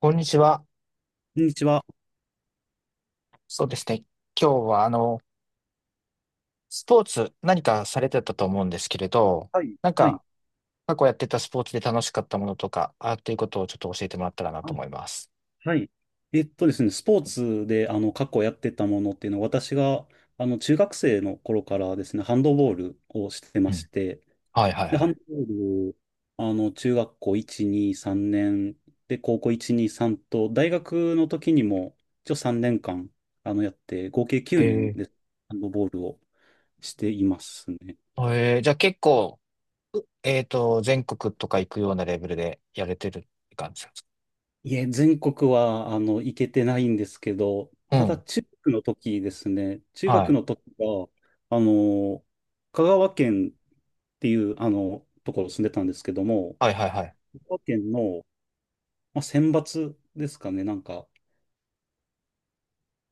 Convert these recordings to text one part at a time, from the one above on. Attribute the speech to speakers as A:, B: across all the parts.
A: こんにちは。
B: こんにちは。
A: そうですね。今日は、スポーツ何かされてたと思うんですけれど、
B: はい、
A: なん
B: はい。
A: か、過去やってたスポーツで楽しかったものとか、あっていうことをちょっと教えてもらったらな
B: あ、
A: と思います。
B: はい。えっとですね、スポーツで、過去やってたものっていうのは、私が、中学生の頃からですね、ハンドボールをして
A: う
B: まし
A: ん。
B: て、
A: はいはい
B: で、ハ
A: は
B: ン
A: い。
B: ドボール、中学校1、2、3年、で、高校1、2、3と、大学の時にも、一応3年間、やって、合計9年
A: え
B: で、ハンドボールをしていますね。
A: えーじゃあ結構、うえっと、全国とか行くようなレベルでやれてるって感じなんですか？
B: いえ、全国は、行けてないんですけど、
A: う
B: ただ、
A: ん。
B: 中学の時ですね、中
A: は
B: 学
A: い。
B: の時は、あの、香川県っていう、ところ住んでたんですけども、
A: はいはいはい。
B: 香川県の、まあ、選抜ですかね、なんか、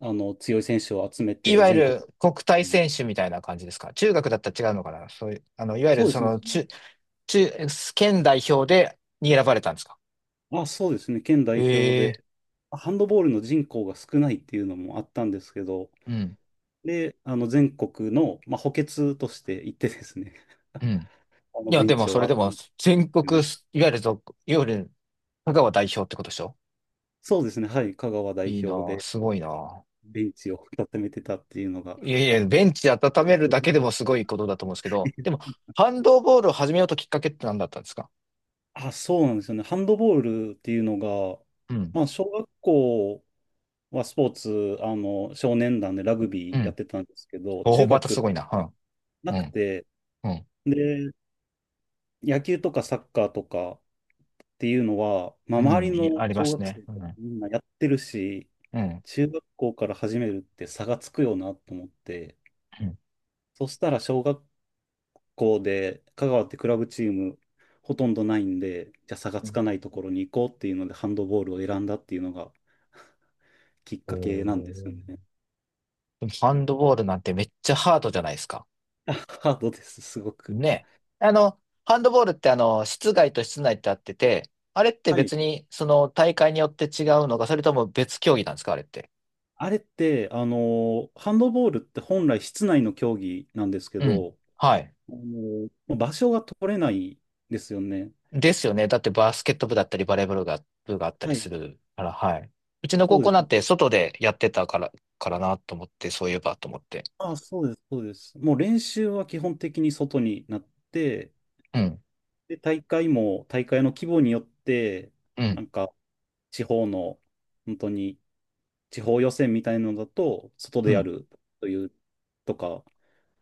B: 強い選手を集め
A: い
B: て、
A: わゆ
B: 全国
A: る国体
B: に。
A: 選手みたいな感じですか？中学だったら違うのかな？そういう、いわゆ
B: そ
A: る
B: うで
A: そ
B: すね。
A: の、中、県代表でに選ばれたんですか？
B: あ、そうですね、県代表
A: ええ。
B: で、ハンドボールの人口が少ないっていうのもあったんですけど、
A: うん。
B: で、全国の、まあ、補欠として行ってですね、
A: うん。いや、
B: ベ
A: で
B: ン
A: も
B: チ
A: そ
B: を
A: れでも
B: 集め
A: 全
B: いう
A: 国、
B: のが
A: いわゆる香川代表ってことでしょ？
B: そうですね、はい、香川代
A: いいな
B: 表
A: ぁ、
B: で
A: すごいなぁ。
B: ベンチを固めてたっていうのが、
A: いやい
B: あ、そ
A: や、ベンチ温める
B: うで
A: だ
B: すね。
A: けでもすごいことだと思うんですけど、でも、ハンドボールを始めようときっかけって何だったんですか？
B: あ、そうなんですよね、ハンドボールっていうのが、
A: うん。
B: まあ、小学校はスポーツ、少年団でラグ
A: う
B: ビーやっ
A: ん。
B: てたんですけど、
A: おお
B: 中
A: またす
B: 学
A: ごいな。
B: な
A: う
B: く
A: ん、
B: て、
A: うん、
B: で、野球とかサッカーとかっていうのは、まあ、
A: うん、
B: 周
A: う
B: り
A: んい
B: の
A: ありま
B: 小
A: す
B: 学
A: ね。
B: 生
A: う
B: と
A: ん、う
B: か
A: ん、
B: みんなやってるし、
A: うん。
B: 中学校から始めるって差がつくよなと思って、そしたら小学校で、香川ってクラブチームほとんどないんで、じゃあ差が
A: う
B: つ
A: ん。
B: かないところに行こうっていうので、ハンドボールを選んだっていうのがきっ
A: お
B: かけなんですよ
A: ー。
B: ね。
A: でもハンドボールなんてめっちゃハードじゃないですか。
B: あ。 ハードです、すごく。
A: ね。ハンドボールって室外と室内ってあってて、あれって
B: はい。
A: 別にその大会によって違うのか、それとも別競技なんですか、あれって。
B: あれって、ハンドボールって本来室内の競技なんですけ
A: うん。
B: ど、
A: はい。
B: あ場所が取れないですよね。
A: ですよね。だってバスケット部だったりバレーボールが、部があったり
B: は
A: す
B: い。
A: るから、はい。うちの
B: そ
A: 高
B: うで
A: 校
B: す。
A: なんて外でやってたから、からなと思って、そういえばと思って。
B: あ、そうです、そうです。もう練習は基本的に外になって、
A: うん。
B: で、大会も、大会の規模によって、
A: う
B: な
A: ん。
B: んか、地方の、本当に、地方予選みたいなのだと、外
A: う
B: でや
A: ん。
B: るという、とか、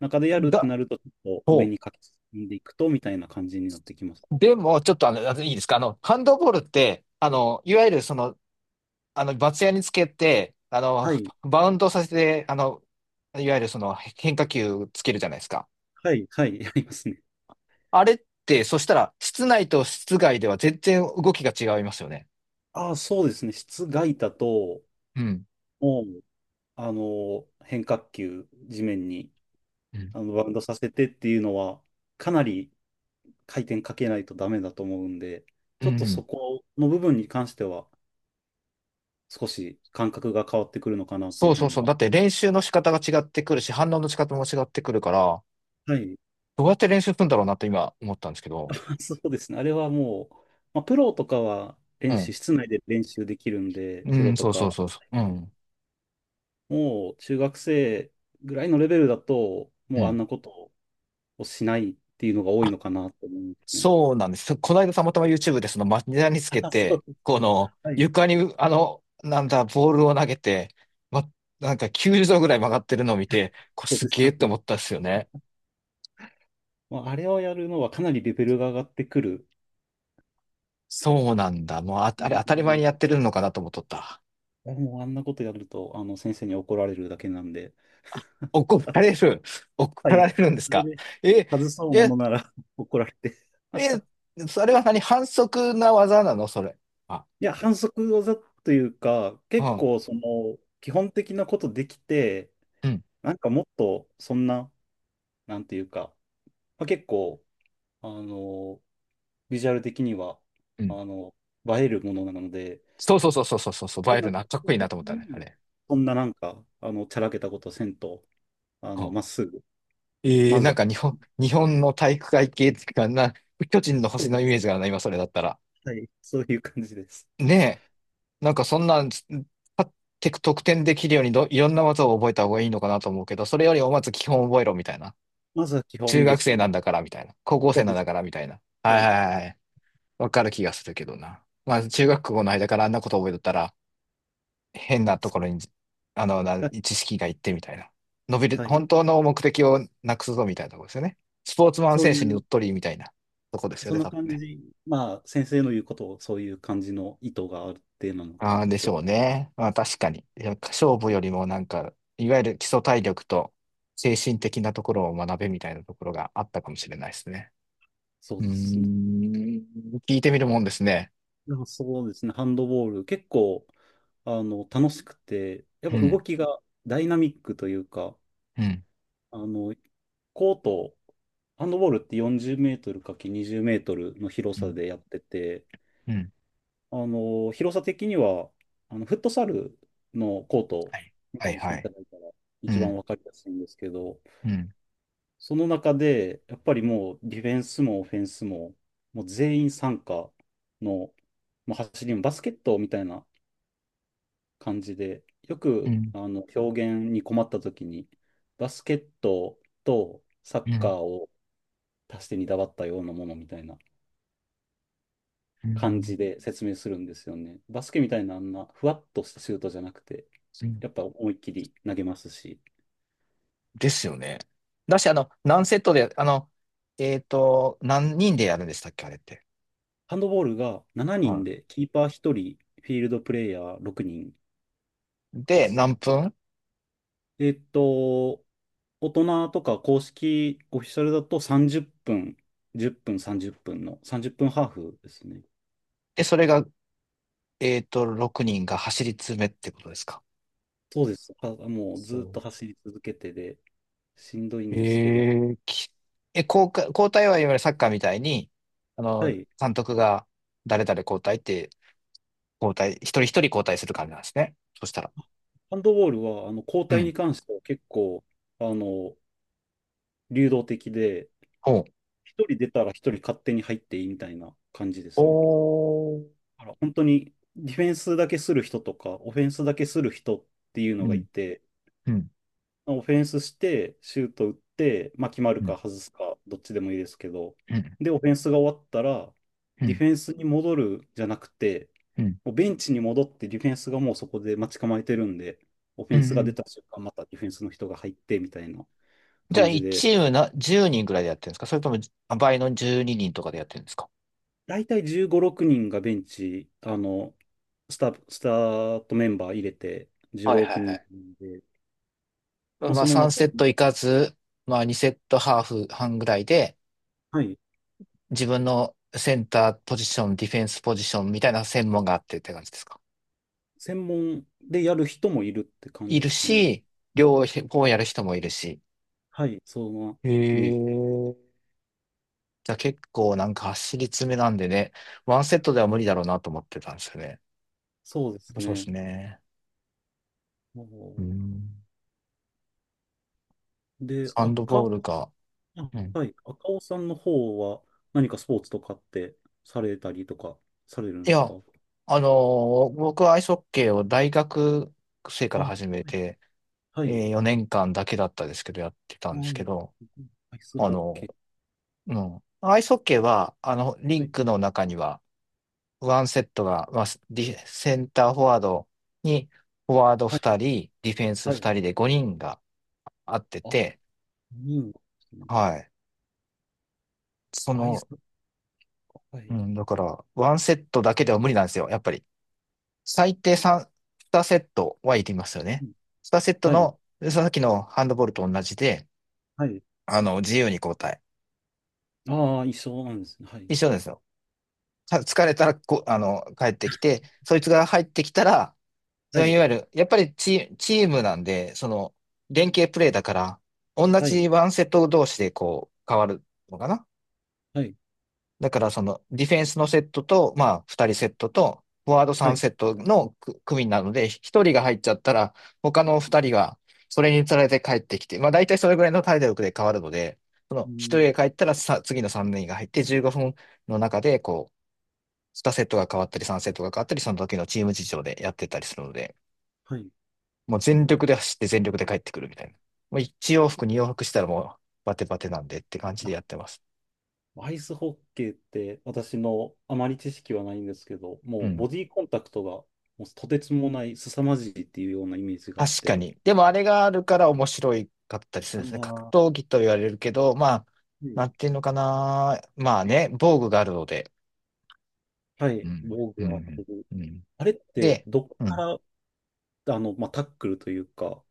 B: 中でやるって
A: だ、
B: なると、ちょっと上
A: ほ
B: に書き進んでいくと、みたいな感じになってきます。
A: う。でも、ちょっとあの、いいですか？ハンドボールって、いわゆるその、バツ屋につけて、
B: はい、
A: バウンドさせて、いわゆるその変化球つけるじゃないですか。
B: はい、はい、やりますね。
A: あれって、そしたら、室内と室外では全然動きが違いますよね。
B: ああ、そうですね。室外だと、
A: うん。
B: もう、変化球、地面に、
A: うん。
B: バウンドさせてっていうのは、かなり回転かけないとダメだと思うんで、
A: う
B: ちょっと
A: ん。
B: そこの部分に関しては少し感覚が変わってくるのかなってい
A: そ
B: う
A: う
B: ふう
A: そう
B: に
A: そう。だ
B: は。
A: って練習の仕方が違ってくるし、反応の仕方も違ってくるから、
B: はい。
A: どうやって練習するんだろうなって今思ったんですけど。
B: そうですね。あれはもう、まあ、プロとかは
A: う
B: 練習、
A: ん。
B: 室内で練習できるんで、
A: う
B: プロ
A: ん、
B: と
A: そうそう
B: か、
A: そうそう。うん。
B: もう中学生ぐらいのレベルだと、
A: う
B: もうあ
A: ん。
B: んなことをしないっていうのが多いのかなと思うんですね。
A: そうなんです。この間たまたま YouTube でその町田につけ
B: あ、そ
A: て、
B: う。
A: この
B: はい。
A: 床になんだ、ボールを投げて、ま、なんか90度ぐらい曲がってるのを見て、これ
B: そう
A: す
B: です。
A: げえ
B: さ
A: っ
B: っ
A: て
B: き。
A: 思ったんですよね。
B: まあ、あれをやるのはかなりレベルが上がってくる。
A: そうなんだ。もうあ、あれ当たり前にやってるのかなと思っとった。
B: やもうあんなことやると、先生に怒られるだけなんで。
A: 怒られる。怒
B: は
A: ら
B: い。
A: れるんです
B: あれ
A: か？
B: で
A: え、
B: 外そうも
A: え、
B: のなら 怒られて。
A: え、それは何反則な技なのそれ？あ、
B: いや、反則技というか、
A: う
B: 結
A: ん、
B: 構その、基本的なことできて、
A: うん、
B: なんかもっと、そんな、なんていうか、まあ、結構、あの、ビジュアル的には、
A: うん。
B: あの、映えるものなので、
A: そうそうそうそうそうそう、バ
B: で、
A: イ
B: な
A: ル
B: っ
A: な、かっ
B: た
A: こいいな
B: 時
A: と思ったね、あ
B: に、
A: れ。
B: そんななんか、ちゃらけたことせんと、まっすぐ、
A: ええ、
B: まず
A: なん
B: は、
A: か日本の体育会系っていうかな、巨人の
B: そ
A: 星
B: うで
A: のイメ
B: す。
A: ージがない、今それだったら。
B: はい。そういう感じです。
A: ね。え、なんかそんなん、勝って得点できるようにど、いろんな技を覚えた方がいいのかなと思うけど、それよりもまず基本覚えろみたいな。
B: まずは基
A: 中
B: 本で
A: 学
B: す
A: 生
B: ね。
A: なんだからみたいな。高校
B: そ
A: 生
B: う
A: な
B: で
A: ん
B: す。
A: だからみたいな。
B: は
A: はい
B: い。
A: はいはい。わかる気がするけどな。まあ中学校の間からあんなこと覚えとったら、変なとこ
B: そう
A: ろに、な
B: はい
A: 知識がいってみたいな。伸びる、
B: はい。
A: 本当の目的をなくすぞみたいなところですよね。スポーツマン
B: そう
A: 選
B: い
A: 手にうっ
B: う、
A: とりみたいなとこですよ
B: そん
A: ね、
B: な
A: 多分
B: 感
A: ね。
B: じ。まあ、先生の言うことを、そういう感じの意図があるってなのか
A: ああ、
B: っ
A: でし
B: て。
A: ょうね。まあ確かに。いや勝負よりもなんか、いわゆる基礎体力と精神的なところを学べみたいなところがあったかもしれないですね。
B: そう
A: うー
B: ですね。
A: ん、聞いてみるもんですね。
B: でもそうですね。ハンドボール、結構、楽しくて、やっ
A: う
B: ぱ動
A: ん、
B: きがダイナミックというか、
A: うん、
B: あの、コート、ハンドボールって40メートルかけ20メートルの広
A: う
B: さ
A: ん、
B: でやってて、
A: うん。
B: 広さ的には、フットサルのコートを
A: はい、
B: イ
A: は
B: メー
A: い、
B: ジして
A: は
B: いた
A: い。
B: だいたら
A: う
B: 一番
A: ん、
B: わかりやすいんですけど、
A: うん、
B: その中で、やっぱりもうディフェンスもオフェンスも、もう全員参加の、もう走りもバスケットみたいな感じで、よ
A: う
B: く、
A: ん、
B: 表現に困った時に、バスケットとサッ
A: う
B: カ
A: ん、
B: ーを足してにだばったようなものみたいな
A: う
B: 感
A: ん。
B: じで説明するんですよね。バスケみたいなあんなふわっとしたシュートじゃなくて、やっぱ思いっきり投げますし、
A: ですよね。だし、何セットで、えっと、何人でやるんでしたっけ、あれって。
B: ハンドボールが7人
A: は
B: で、キーパー1人、フィールドプレイヤー6人
A: い。
B: で
A: で、
B: すね。
A: 何分
B: えっと、大人とか公式オフィシャルだと30分、10分、30分の30分ハーフですね。
A: で、それが、えっと、6人が走り詰めってことですか？
B: そうです。あもう
A: そ
B: ずっ
A: う。
B: と走り続けてで、しんどいん
A: え
B: ですけど、
A: ー、き、え、交代はいわゆるサッカーみたいに、
B: はい。
A: 監督が誰々交代って、一人一人交代する感じなんですね。そしたら。
B: ハンドボールは、交
A: う
B: 代に
A: ん。
B: 関しては結構、あの、流動的で、
A: ほう。
B: 一人出たら一人勝手に入っていいみたいな感じで
A: お
B: すね。
A: ー。
B: だから本当にディフェンスだけする人とか、オフェンスだけする人っていう
A: う
B: のがい
A: ん。
B: て、
A: うん。
B: オフェンスして、シュート打って、まあ、決まる
A: うん。
B: か外すか、どっちでもいいですけど、
A: うん。
B: で、オフェンスが終わったら、
A: う
B: ディ
A: ん。
B: フェンスに戻るじゃなくて、
A: うん。
B: もうベンチに戻ってディフェンスがもうそこで待ち構えてるんで、オフ
A: う
B: ェ
A: ん。
B: ンス
A: う
B: が出
A: ん。
B: た瞬間、またディフェンスの人が入ってみたいな
A: じゃ
B: 感
A: あ、
B: じ
A: 1
B: で、
A: チームな10人ぐらいでやってるんですか？それともあ倍の12人とかでやってるんですか？
B: 大体15、6人がベンチ、スタートメンバー入れて
A: は
B: 15、
A: いはい
B: 6
A: は
B: 人で、
A: い。
B: まあ、
A: まあ、
B: その
A: 3
B: 中
A: セッ
B: に、
A: トいかず、まあ、2セットハーフ半ぐらいで、
B: はい、
A: 自分のセンターポジション、ディフェンスポジションみたいな専門があってって感じですか？
B: 専門でやる人もいるって感
A: い
B: じで
A: る
B: すね。
A: し、両方やる人もいるし。
B: はい、そんな
A: へ
B: イメージ。
A: ー。じゃあ結構なんか走り詰めなんでね、ワンセットでは無理だろうなと思ってたんですよね。や
B: そうで
A: っ
B: す
A: ぱそうで
B: ね。
A: すね。
B: お、
A: う
B: ー
A: ん。
B: で、
A: サンドボールか。うん。
B: はい、赤尾さんの方は何かスポーツとかってされたりとかされる
A: い
B: んですか？
A: や、僕はアイスホッケーを大学生か
B: あ、
A: ら
B: は
A: 始め
B: い、
A: て、
B: は
A: え
B: い、
A: ー4年間だけだったですけど、やってた
B: あ
A: んですけど、
B: アイス
A: あ
B: ホッケ
A: の
B: ー。
A: ーうん。アイスホッケーは、リ
B: は
A: ン
B: い、
A: クの中には、ワンセットが、まあ、ディセンターフォワードに、フォワード
B: はい、
A: 2人、ディフェンス
B: はい。
A: 2人で5人が合って
B: あ、
A: て、
B: いいんですね。
A: はい。そ
B: アイ
A: の、
B: ス、は
A: う
B: い。
A: ん、だから、ワンセットだけでは無理なんですよ、やっぱり。最低3、2セットは行きますよ
B: う
A: ね。
B: ん
A: 2セット
B: はい。
A: の、さっきのハンドボールと同じで、
B: はい。
A: 自由に交代。
B: ああ、いそうなんですね。はい。
A: 一緒ですよ。か疲れたらこ、帰ってきて、そいつが入ってきたら、
B: は
A: そうい
B: い。
A: わゆる、やっぱりチ、チームなんで、その、連携プレーだから、同
B: はい。
A: じワンセット同士でこう、変わるのかな？
B: はい。
A: だからそのディフェンスのセットと、まあ2人セットと、フォワード
B: は
A: 3
B: い。
A: セットのく組なので、1人が入っちゃったら、他の2人がそれにつられて帰ってきて、まあ大体それぐらいの体力で変わるので、そ
B: う
A: の1人
B: ん。
A: が帰ったらさ、次の3人が入って15分の中で、こう、2セットが変わったり3セットが変わったり、その時のチーム事情でやってたりするので、
B: はい。
A: もう全
B: お
A: 力で走って全力で帰ってくるみたいな。もう1
B: そ
A: 往復2往復したらもうバテバテなんでって感じ
B: あ、
A: でやってます。
B: アイスホッケーって私のあまり知識はないんですけど、
A: う
B: もう
A: ん。
B: ボディコンタクトがもうとてつもない凄まじいっていうようなイメージがあっ
A: 確か
B: て、
A: に。でもあれがあるから面白いかったりする
B: あ
A: んですね。格
B: あ、
A: 闘技と言われるけど、まあ、
B: うん
A: なんていうのかな。まあね、防具があるので。
B: は
A: う
B: い。
A: ん、
B: 防
A: う
B: 具は当て
A: ん、
B: る。
A: うん。
B: あれって
A: で、
B: どこ
A: う
B: か
A: ん。
B: ら、まあ、タックルというか、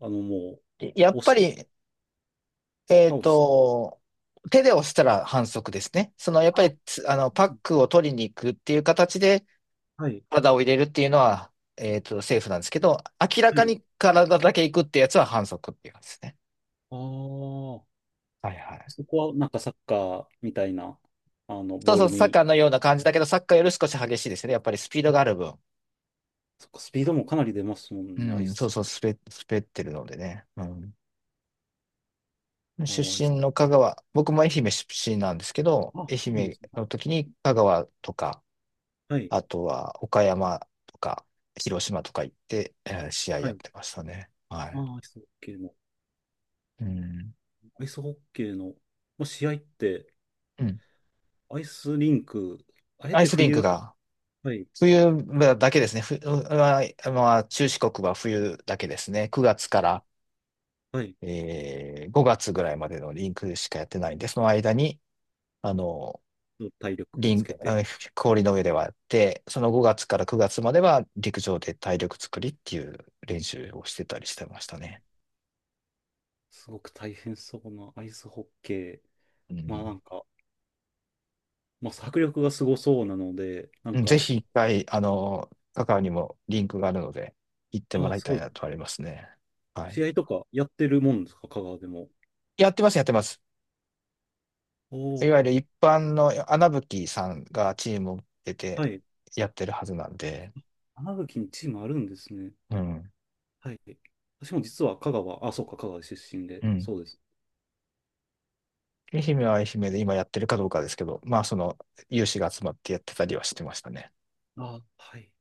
B: も
A: や
B: う、
A: っ
B: 押
A: ぱ
B: し
A: り、えっ
B: 倒す。
A: と、手で押したら反則ですね。その、やっぱ
B: あ、
A: りつ、パッ
B: うん
A: クを取りに行くっていう形で
B: はい。
A: 体を入れるっていうのは、えっと、セーフなんですけど、明ら
B: は
A: か
B: い。
A: に体だけ行くってやつは反則っていうやつですね。
B: ああ、
A: はいはい。
B: そこはなんかサッカーみたいな、
A: そう
B: ボー
A: そう、
B: ル
A: サッ
B: に、
A: カーのような感じだけど、サッカーより少し激しいですね。やっぱりスピードが
B: あ、
A: ある分。
B: そっか、スピードもかなり出ますもん
A: う
B: ね、アイ
A: ん、そう
B: ス。
A: そう、滑ってるのでね。うん。
B: あ
A: 出
B: ー、アイス。
A: 身の香川、僕も愛媛出身なんですけど、
B: あ、
A: 愛
B: そうなんで
A: 媛
B: すね。
A: の時に香川とか、
B: はい。
A: あとは岡山とか、広島とか行って、えー試合
B: は
A: やっ
B: い。
A: てましたね。は
B: ああ
A: い。
B: ー、アイスホッケーの、
A: うん。
B: アイスホッケーの、まあ、試合って、
A: うん。
B: アイスリンク、あれっ
A: アイ
B: て
A: スリンク
B: 冬、
A: が、
B: はい、
A: 冬だけですね。ふ、ううまあ、中四国は冬だけですね。9月から
B: はい、
A: えー5月ぐらいまでのリンクしかやってないんで、その間に、あの、
B: の体力を
A: リ
B: つ
A: ン、
B: けて、
A: あ氷の上ではやって、その5月から9月までは陸上で体力作りっていう練習をしてたりしてましたね。
B: すごく大変そうなアイスホッケー。
A: う
B: まあな
A: ん。
B: んか、まあ、迫力がすごそうなので、なん
A: うん、ぜ
B: か、
A: ひ一回、カカオにもリンクがあるので、行っても
B: ああ、
A: らいた
B: そ
A: い
B: う、
A: なとありますね。はい。
B: 試合とかやってるもんですか、香川でも？
A: やってます、やってます。
B: お
A: いわ
B: お。
A: ゆる一般の穴吹さんがチームを出て
B: はい。
A: やってるはずなんで、
B: 花吹にチームあるんですね。
A: うん。
B: はい。私も実は香川、あ、そうか、香川出身で、
A: うん。
B: そうです。
A: 愛媛は愛媛で今やってるかどうかですけど、まあ、その、有志が集まってやってたりはしてましたね。
B: あ、はい。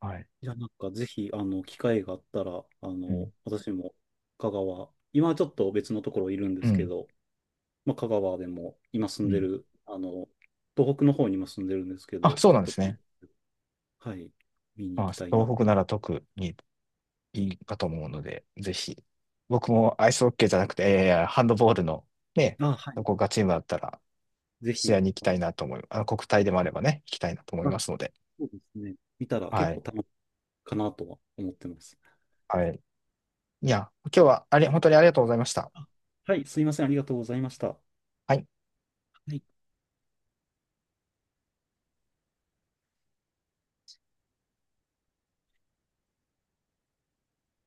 A: はい。
B: いや、なんかぜひ、機会があったら、
A: うん。
B: 私も香川、今はちょっと別のところいるんで
A: う
B: すけ
A: ん。
B: ど、まあ、香川でも今住
A: う
B: んで
A: ん。
B: る、東北の方に今住んでるんですけ
A: あ、
B: ど、
A: そう
B: ちょ
A: な
B: っ
A: んで
B: と、
A: すね。
B: はい、見に行
A: まあ、
B: きたいな。
A: 東北なら特にいいかと思うので、ぜひ。僕もアイスホッケーじゃなくて、えー、ハンドボールのね、
B: あ、は
A: ど
B: い。
A: こがチームだったら、
B: ぜ
A: 試合
B: ひ、
A: に行きたいなと思い、あの国体でもあればね、行きたいなと思いま
B: あ
A: すので。
B: そうですね。見たら
A: は
B: 結
A: い。
B: 構楽しいかなとは思ってます。
A: はい。いや、今日はあれ、本当にありがとうございました。
B: あはい、すいません、ありがとうございました。は
A: はい。
B: い